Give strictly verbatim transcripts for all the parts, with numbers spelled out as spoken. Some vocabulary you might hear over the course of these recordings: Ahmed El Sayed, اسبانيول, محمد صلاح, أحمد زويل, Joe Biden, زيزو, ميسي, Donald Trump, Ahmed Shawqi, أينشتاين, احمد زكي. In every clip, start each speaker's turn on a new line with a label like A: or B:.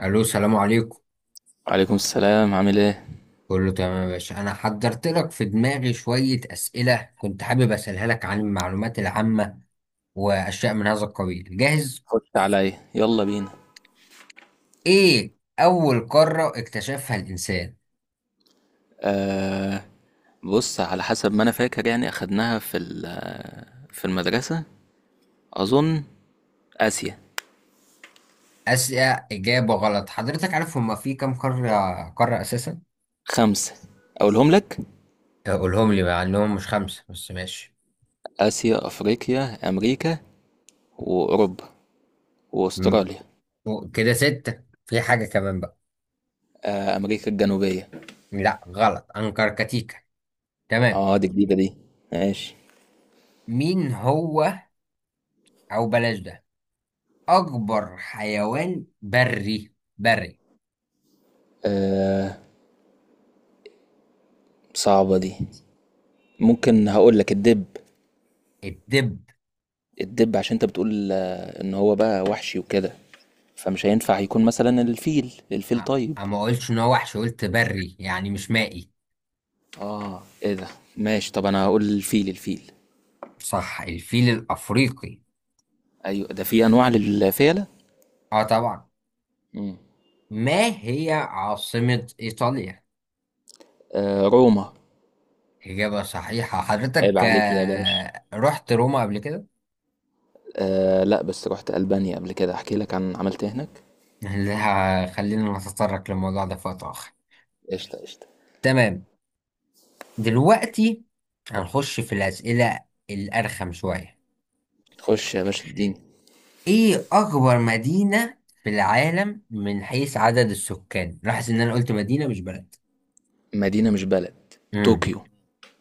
A: الو السلام عليكم.
B: وعليكم السلام، عامل ايه؟
A: كله تمام يا باشا، انا حضرت لك في دماغي شوية اسئلة كنت حابب اسألها لك عن المعلومات العامة واشياء من هذا القبيل. جاهز؟
B: خش عليا، يلا بينا.
A: ايه اول قارة اكتشفها الانسان؟
B: آه بص، على حسب ما انا فاكر يعني اخدناها في ال- آه، في المدرسة. اظن. اسيا.
A: اسئلة اجابة غلط. حضرتك عارف هما في كام قارة قارة اساسا؟
B: خمسة. اقولهم لك.
A: قولهم لي، مع انهم مش خمسة بس ماشي.
B: اسيا، افريقيا، امريكا، واوروبا،
A: م-
B: واستراليا.
A: و- كده ستة، في حاجة كمان بقى؟
B: آه امريكا الجنوبية.
A: لا غلط، انكركتيكا. تمام.
B: اه، دي جديدة دي. ماشي.
A: مين هو، او بلاش ده، اكبر حيوان بري بري؟
B: آه صعبة دي. ممكن هقول لك الدب.
A: الدب؟
B: الدب عشان انت بتقول آه، ان هو بقى وحشي وكده، فمش هينفع يكون مثلا الفيل
A: أ-
B: الفيل، طيب.
A: اما قلتش ان هو وحش، قلت بري يعني مش مائي.
B: اه، ايه ده؟ ماشي. طب انا هقول الفيل الفيل.
A: صح، الفيل الافريقي.
B: ايوه، ده في انواع للفيلة.
A: اه طبعا.
B: مم.
A: ما هي عاصمة ايطاليا؟
B: آه روما.
A: اجابة صحيحة.
B: عيب
A: حضرتك
B: عليك يا باشا.
A: آه، رحت روما قبل كده؟
B: آه لا بس رحت البانيا قبل كده، احكي لك عن عملت إيه هناك.
A: لا، خلينا نتطرق للموضوع ده في وقت اخر.
B: قشطة قشطة.
A: تمام. دلوقتي هنخش في الاسئلة الارخم شوية.
B: خش يا باشا، اديني.
A: ايه اكبر مدينة في العالم من حيث عدد السكان؟ لاحظ ان انا قلت مدينة مش بلد.
B: مدينة مش بلد.
A: امم
B: طوكيو.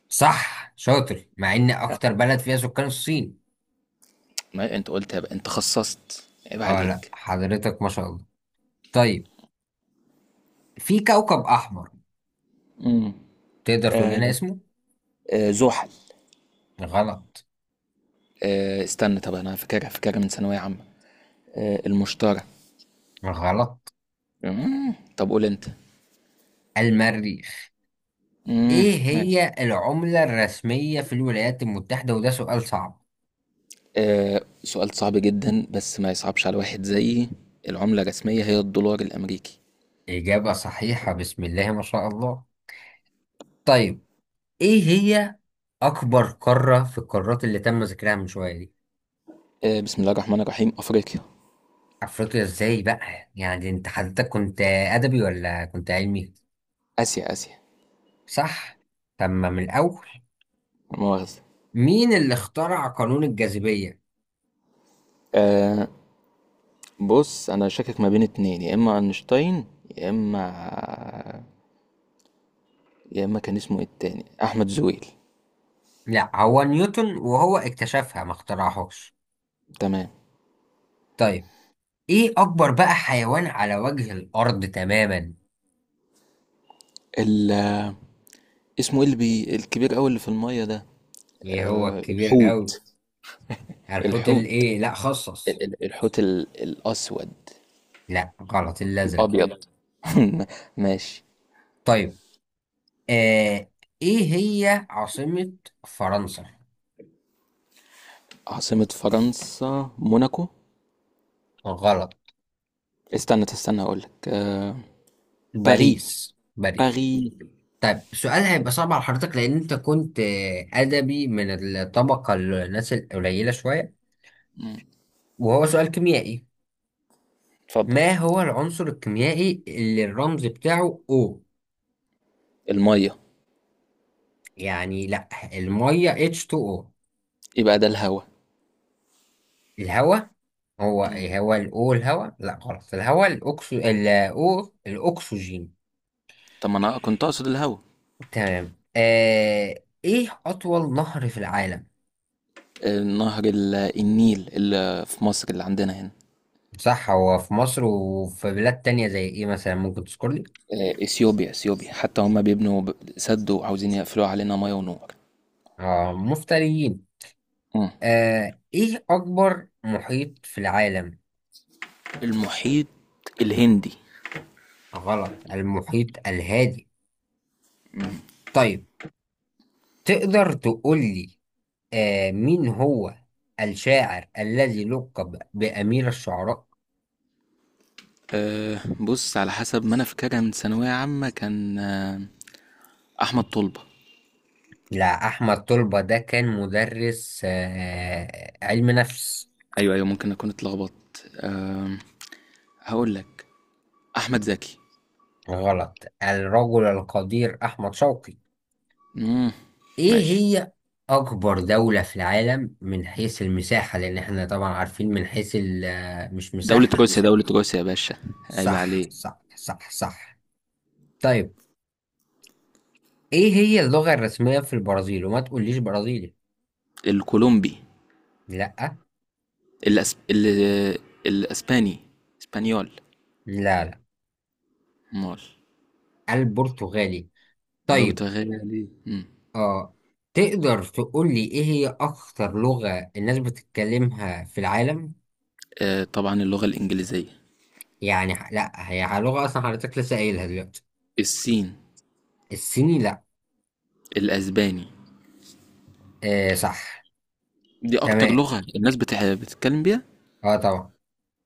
A: صح، شاطر، مع ان اكتر بلد فيها سكان الصين.
B: ما انت قلت يا بقى. انت خصصت. عيب
A: اه لا
B: عليك.
A: حضرتك ما شاء الله. طيب، في كوكب احمر،
B: امم.
A: تقدر تقول لنا
B: آه
A: اسمه؟
B: آه زحل.
A: غلط.
B: آه استنى، طب انا فاكرها فاكرها من ثانوية عامة. آه المشترى.
A: غلط.
B: مم. طب قول انت.
A: المريخ.
B: امم.
A: ايه هي العملة الرسمية في الولايات المتحدة؟ وده سؤال صعب.
B: آه، سؤال صعب جدا، بس ما يصعبش على واحد زيي. العملة الرسمية هي الدولار الأمريكي.
A: اجابة صحيحة، بسم الله ما شاء الله. طيب، ايه هي اكبر قاره في القارات اللي تم ذكرها من شويه دي؟
B: آه، بسم الله الرحمن الرحيم، أفريقيا.
A: افريقيا؟ ازاي بقى؟ يعني انت حضرتك كنت ادبي ولا كنت علمي؟
B: آسيا آسيا.
A: صح. طب ما من الاول.
B: لا مؤاخذة.
A: مين اللي اخترع قانون الجاذبيه؟
B: آه، بص، أنا شاكك ما بين اتنين، يا إما أينشتاين، يا إما يا إما كان اسمه إيه التاني، أحمد زويل.
A: لا، هو نيوتن، وهو اكتشفها ما اخترعهاش.
B: تمام.
A: طيب، ايه اكبر بقى حيوان على وجه الارض تماما؟
B: ال... اسمه إيه اللي بي... الكبير أوي اللي في المية ده؟
A: ايه هو
B: آه،
A: الكبير قوي؟
B: الحوت.
A: الحوت
B: الحوت.
A: الايه؟ لا،
B: ال-
A: خصص.
B: ال- الحوت ال... الأسود.
A: لا غلط، الازرق.
B: الأبيض. ماشي.
A: طيب، آه ايه هي عاصمه فرنسا؟
B: عاصمة فرنسا موناكو.
A: غلط.
B: استنى استنى، اقول لك آه... باري.
A: باريس باريس
B: باري.
A: طيب، السؤال هيبقى صعب على حضرتك لأن أنت كنت آه، أدبي من الطبقة الناس القليلة شوية.
B: مم.
A: وهو سؤال كيميائي.
B: اتفضل.
A: ما هو العنصر الكيميائي اللي الرمز بتاعه O؟
B: الميه.
A: يعني لأ. المية إتش اتنين أو.
B: يبقى ده الهوا.
A: الهواء؟ هو
B: مم.
A: هو ال O الهواء؟ لأ غلط، الهواء الأكسو، ال O الأكسجين.
B: طب ما انا كنت اقصد الهوا.
A: تمام. آه إيه أطول نهر في العالم؟
B: نهر ال- النيل اللي في مصر، اللي عندنا هنا.
A: صح، هو في مصر وفي بلاد تانية زي إيه مثلا، ممكن تذكر لي؟
B: آه، اثيوبيا اثيوبيا، حتى هم بيبنوا ب- سد وعاوزين يقفلوا علينا ميه ونور.
A: اه مفتريين.
B: مم.
A: آه ايه اكبر محيط في العالم؟
B: المحيط الهندي.
A: غلط، المحيط الهادي. طيب، تقدر تقول لي، آه مين هو الشاعر الذي لقب بأمير الشعراء؟
B: أه بص، على حسب ما انا فاكرها من ثانويه عامه كان آه، احمد طلبه.
A: لا، احمد طلبة ده كان مدرس آه علم نفس.
B: ايوه ايوه، ممكن اكون اتلخبطت. أه هقول لك. احمد زكي.
A: غلط، الرجل القدير احمد شوقي.
B: مم.
A: ايه
B: ماشي.
A: هي اكبر دولة في العالم من حيث المساحة؟ لان احنا طبعا عارفين من حيث ال- مش
B: دولة
A: مساحة.
B: روسيا، دولة روسيا يا باشا. عيب
A: صح
B: عليه.
A: صح صح صح. طيب، ايه هي اللغة الرسمية في البرازيل؟ وما تقوليش برازيلي.
B: الكولومبي.
A: لا.
B: الأسب... ال... الأسباني. اسبانيول.
A: لا. لا.
B: مول.
A: البرتغالي. طيب.
B: البرتغالي. مم.
A: اه تقدر تقولي ايه هي اكتر لغة الناس بتتكلمها في العالم؟
B: آه طبعا اللغة الإنجليزية.
A: يعني ح- لا هي لغة اصلا حضرتك لسه قايلها دلوقتي.
B: الصين.
A: الصيني لا.
B: الأسباني.
A: آه صح.
B: دي أكتر
A: تمام.
B: لغة الناس بتح... بتتكلم بيها.
A: اه طبعا.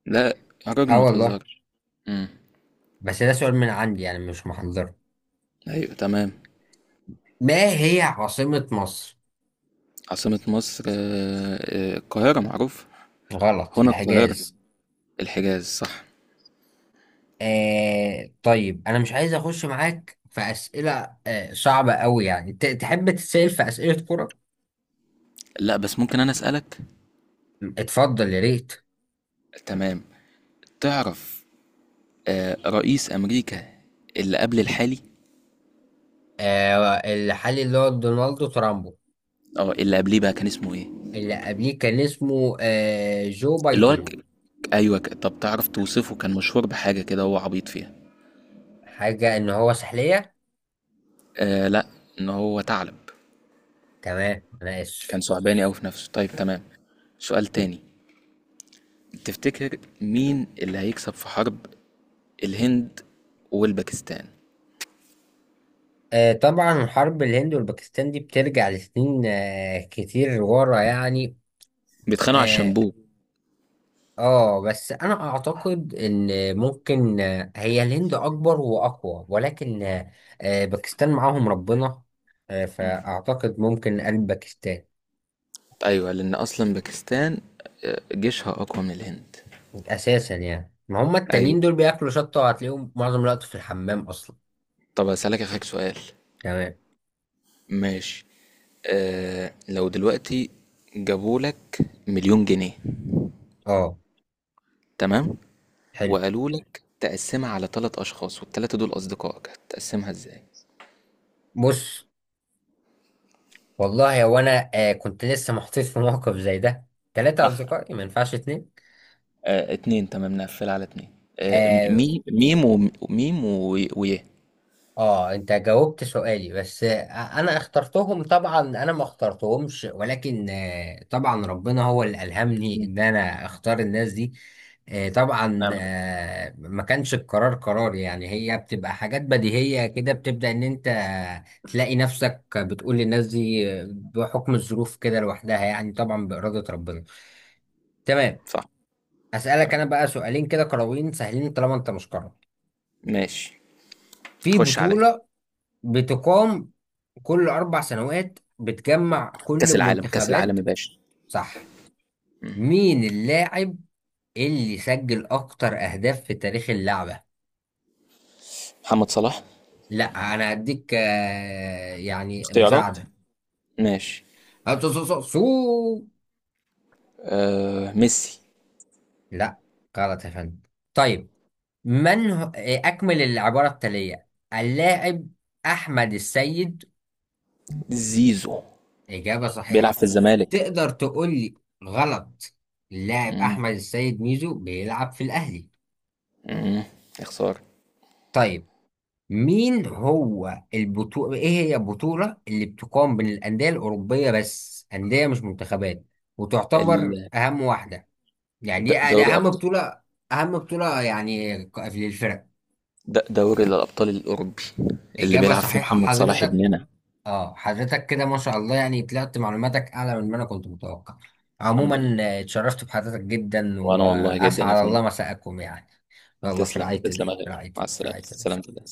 B: لا، يا راجل
A: اه
B: ما
A: والله.
B: تهزرش. مم.
A: بس ده سؤال من عندي يعني مش محضره.
B: أيوة تمام.
A: ما هي عاصمة مصر؟
B: عاصمة مصر آه، آه، القاهرة، معروف.
A: غلط،
B: هنا القاهرة.
A: الحجاز.
B: الحجاز صح.
A: آه طيب، انا مش عايز اخش معاك في اسئله آه صعبه قوي، يعني ت- تحب تتسال في اسئله كره؟
B: لا بس ممكن أنا أسألك.
A: اتفضل يا ريت.
B: تمام. تعرف آه، رئيس امريكا اللي قبل الحالي.
A: آه الحالي اللي هو دونالد ترامبو.
B: اه، اللي قبليه بقى كان اسمه ايه؟
A: اللي قبليه كان اسمه آه جو
B: اللي هو
A: بايدن.
B: ك... ايوه ك... طب تعرف توصفه، كان مشهور بحاجه كده هو عبيط فيها.
A: حاجه ان هو سحليه؟
B: آه لا، ان هو ثعلب.
A: تمام انا اسف.
B: كان ثعباني قوي في نفسه، طيب تمام. سؤال تاني. تفتكر مين اللي هيكسب في حرب الهند والباكستان؟
A: آه طبعا، حرب الهند والباكستان دي بترجع لسنين آه كتير ورا يعني.
B: بيتخانقوا على
A: آه،
B: الشامبو.
A: اه بس انا اعتقد ان ممكن، آه، هي الهند اكبر واقوى، ولكن آه، آه، باكستان معاهم ربنا، آه،
B: مم.
A: فاعتقد ممكن قلب باكستان.
B: ايوه، لان اصلا باكستان آه، جيشها اقوى من الهند.
A: اساسا يعني ما هم
B: ايوه.
A: التانيين دول بياكلوا شطه وهتلاقيهم معظم الوقت في الحمام اصلا.
B: طب اسالك اخك سؤال.
A: تمام.
B: ماشي. آه لو دلوقتي جابولك مليون جنيه،
A: اه
B: تمام،
A: حلو.
B: وقالولك تقسمها على ثلاث أشخاص والتلاتة دول أصدقائك، هتقسمها إزاي؟
A: بص، والله هو انا آه، كنت لسه محطوط في موقف زي ده. ثلاثه
B: اه.
A: اصدقائي ما ينفعش اتنين.
B: آه، اتنين تمام، نقفل على اتنين. آه، م-
A: آه،
B: مي ميم، وميم، ويه.
A: اه انت جاوبت سؤالي بس آه، انا اخترتهم، طبعا انا ما اخترتهمش، ولكن آه، طبعا ربنا هو اللي الهمني
B: مم.
A: ان انا اختار الناس دي. آه، طبعا
B: نعم يا باشا.
A: آه، ما كانش القرار قرار، يعني هي بتبقى حاجات بديهية كده، بتبدأ ان انت تلاقي نفسك بتقول للناس دي بحكم الظروف كده لوحدها، يعني طبعا بإرادة ربنا. تمام.
B: صح.
A: اسألك انا
B: تمام.
A: بقى سؤالين كده كروين سهلين طالما انت مش قرر.
B: ماشي.
A: في
B: خش عليا.
A: بطولة بتقام كل أربع سنوات بتجمع كل
B: كأس العالم، كأس العالم
A: المنتخبات.
B: يا باشا.
A: صح.
B: مم.
A: مين اللاعب اللي سجل أكتر أهداف في تاريخ اللعبة؟
B: محمد صلاح.
A: لا أنا هديك آه، يعني
B: اختيارات.
A: مساعدة.
B: ماشي.
A: آه، سو سو سو سو.
B: آه ميسي.
A: لا غلط يا فندم. طيب، من هو، آه، أكمل العبارة التالية، اللاعب أحمد السيد.
B: زيزو.
A: إجابة
B: بيلعب في
A: صحيحة.
B: الزمالك.
A: تقدر تقول لي. غلط. اللاعب
B: مم.
A: أحمد السيد ميزو بيلعب في الأهلي.
B: مم. يا خسارة.
A: طيب، مين هو البطولة، ايه هي البطولة اللي بتقام بين الأندية الأوروبية، بس أندية مش منتخبات، وتعتبر
B: ال-
A: أهم واحدة؟ يعني
B: د-
A: دي دي
B: دوري
A: أهم
B: أبطال.
A: بطولة. أهم بطولة يعني ك- للفرق.
B: د- دوري الأبطال الأوروبي. اللي
A: إجابة
B: بيلعب فيه
A: صحيحة
B: محمد صلاح
A: حضرتك.
B: ابننا.
A: اه حضرتك كده ما شاء الله، يعني طلعت معلوماتك أعلى من ما أنا كنت متوقع.
B: الحمد
A: عموما
B: لله.
A: آه، اتشرفت بحضرتك جدا،
B: وأنا والله جدا يا
A: وأسعد
B: فندم.
A: الله مساءكم يعني. الله في
B: تسلم
A: رعاية ال-
B: تسلم يا
A: في
B: غالي،
A: رعاية
B: مع
A: ال- في
B: السلامة،
A: رعاية ال-
B: سلامتك.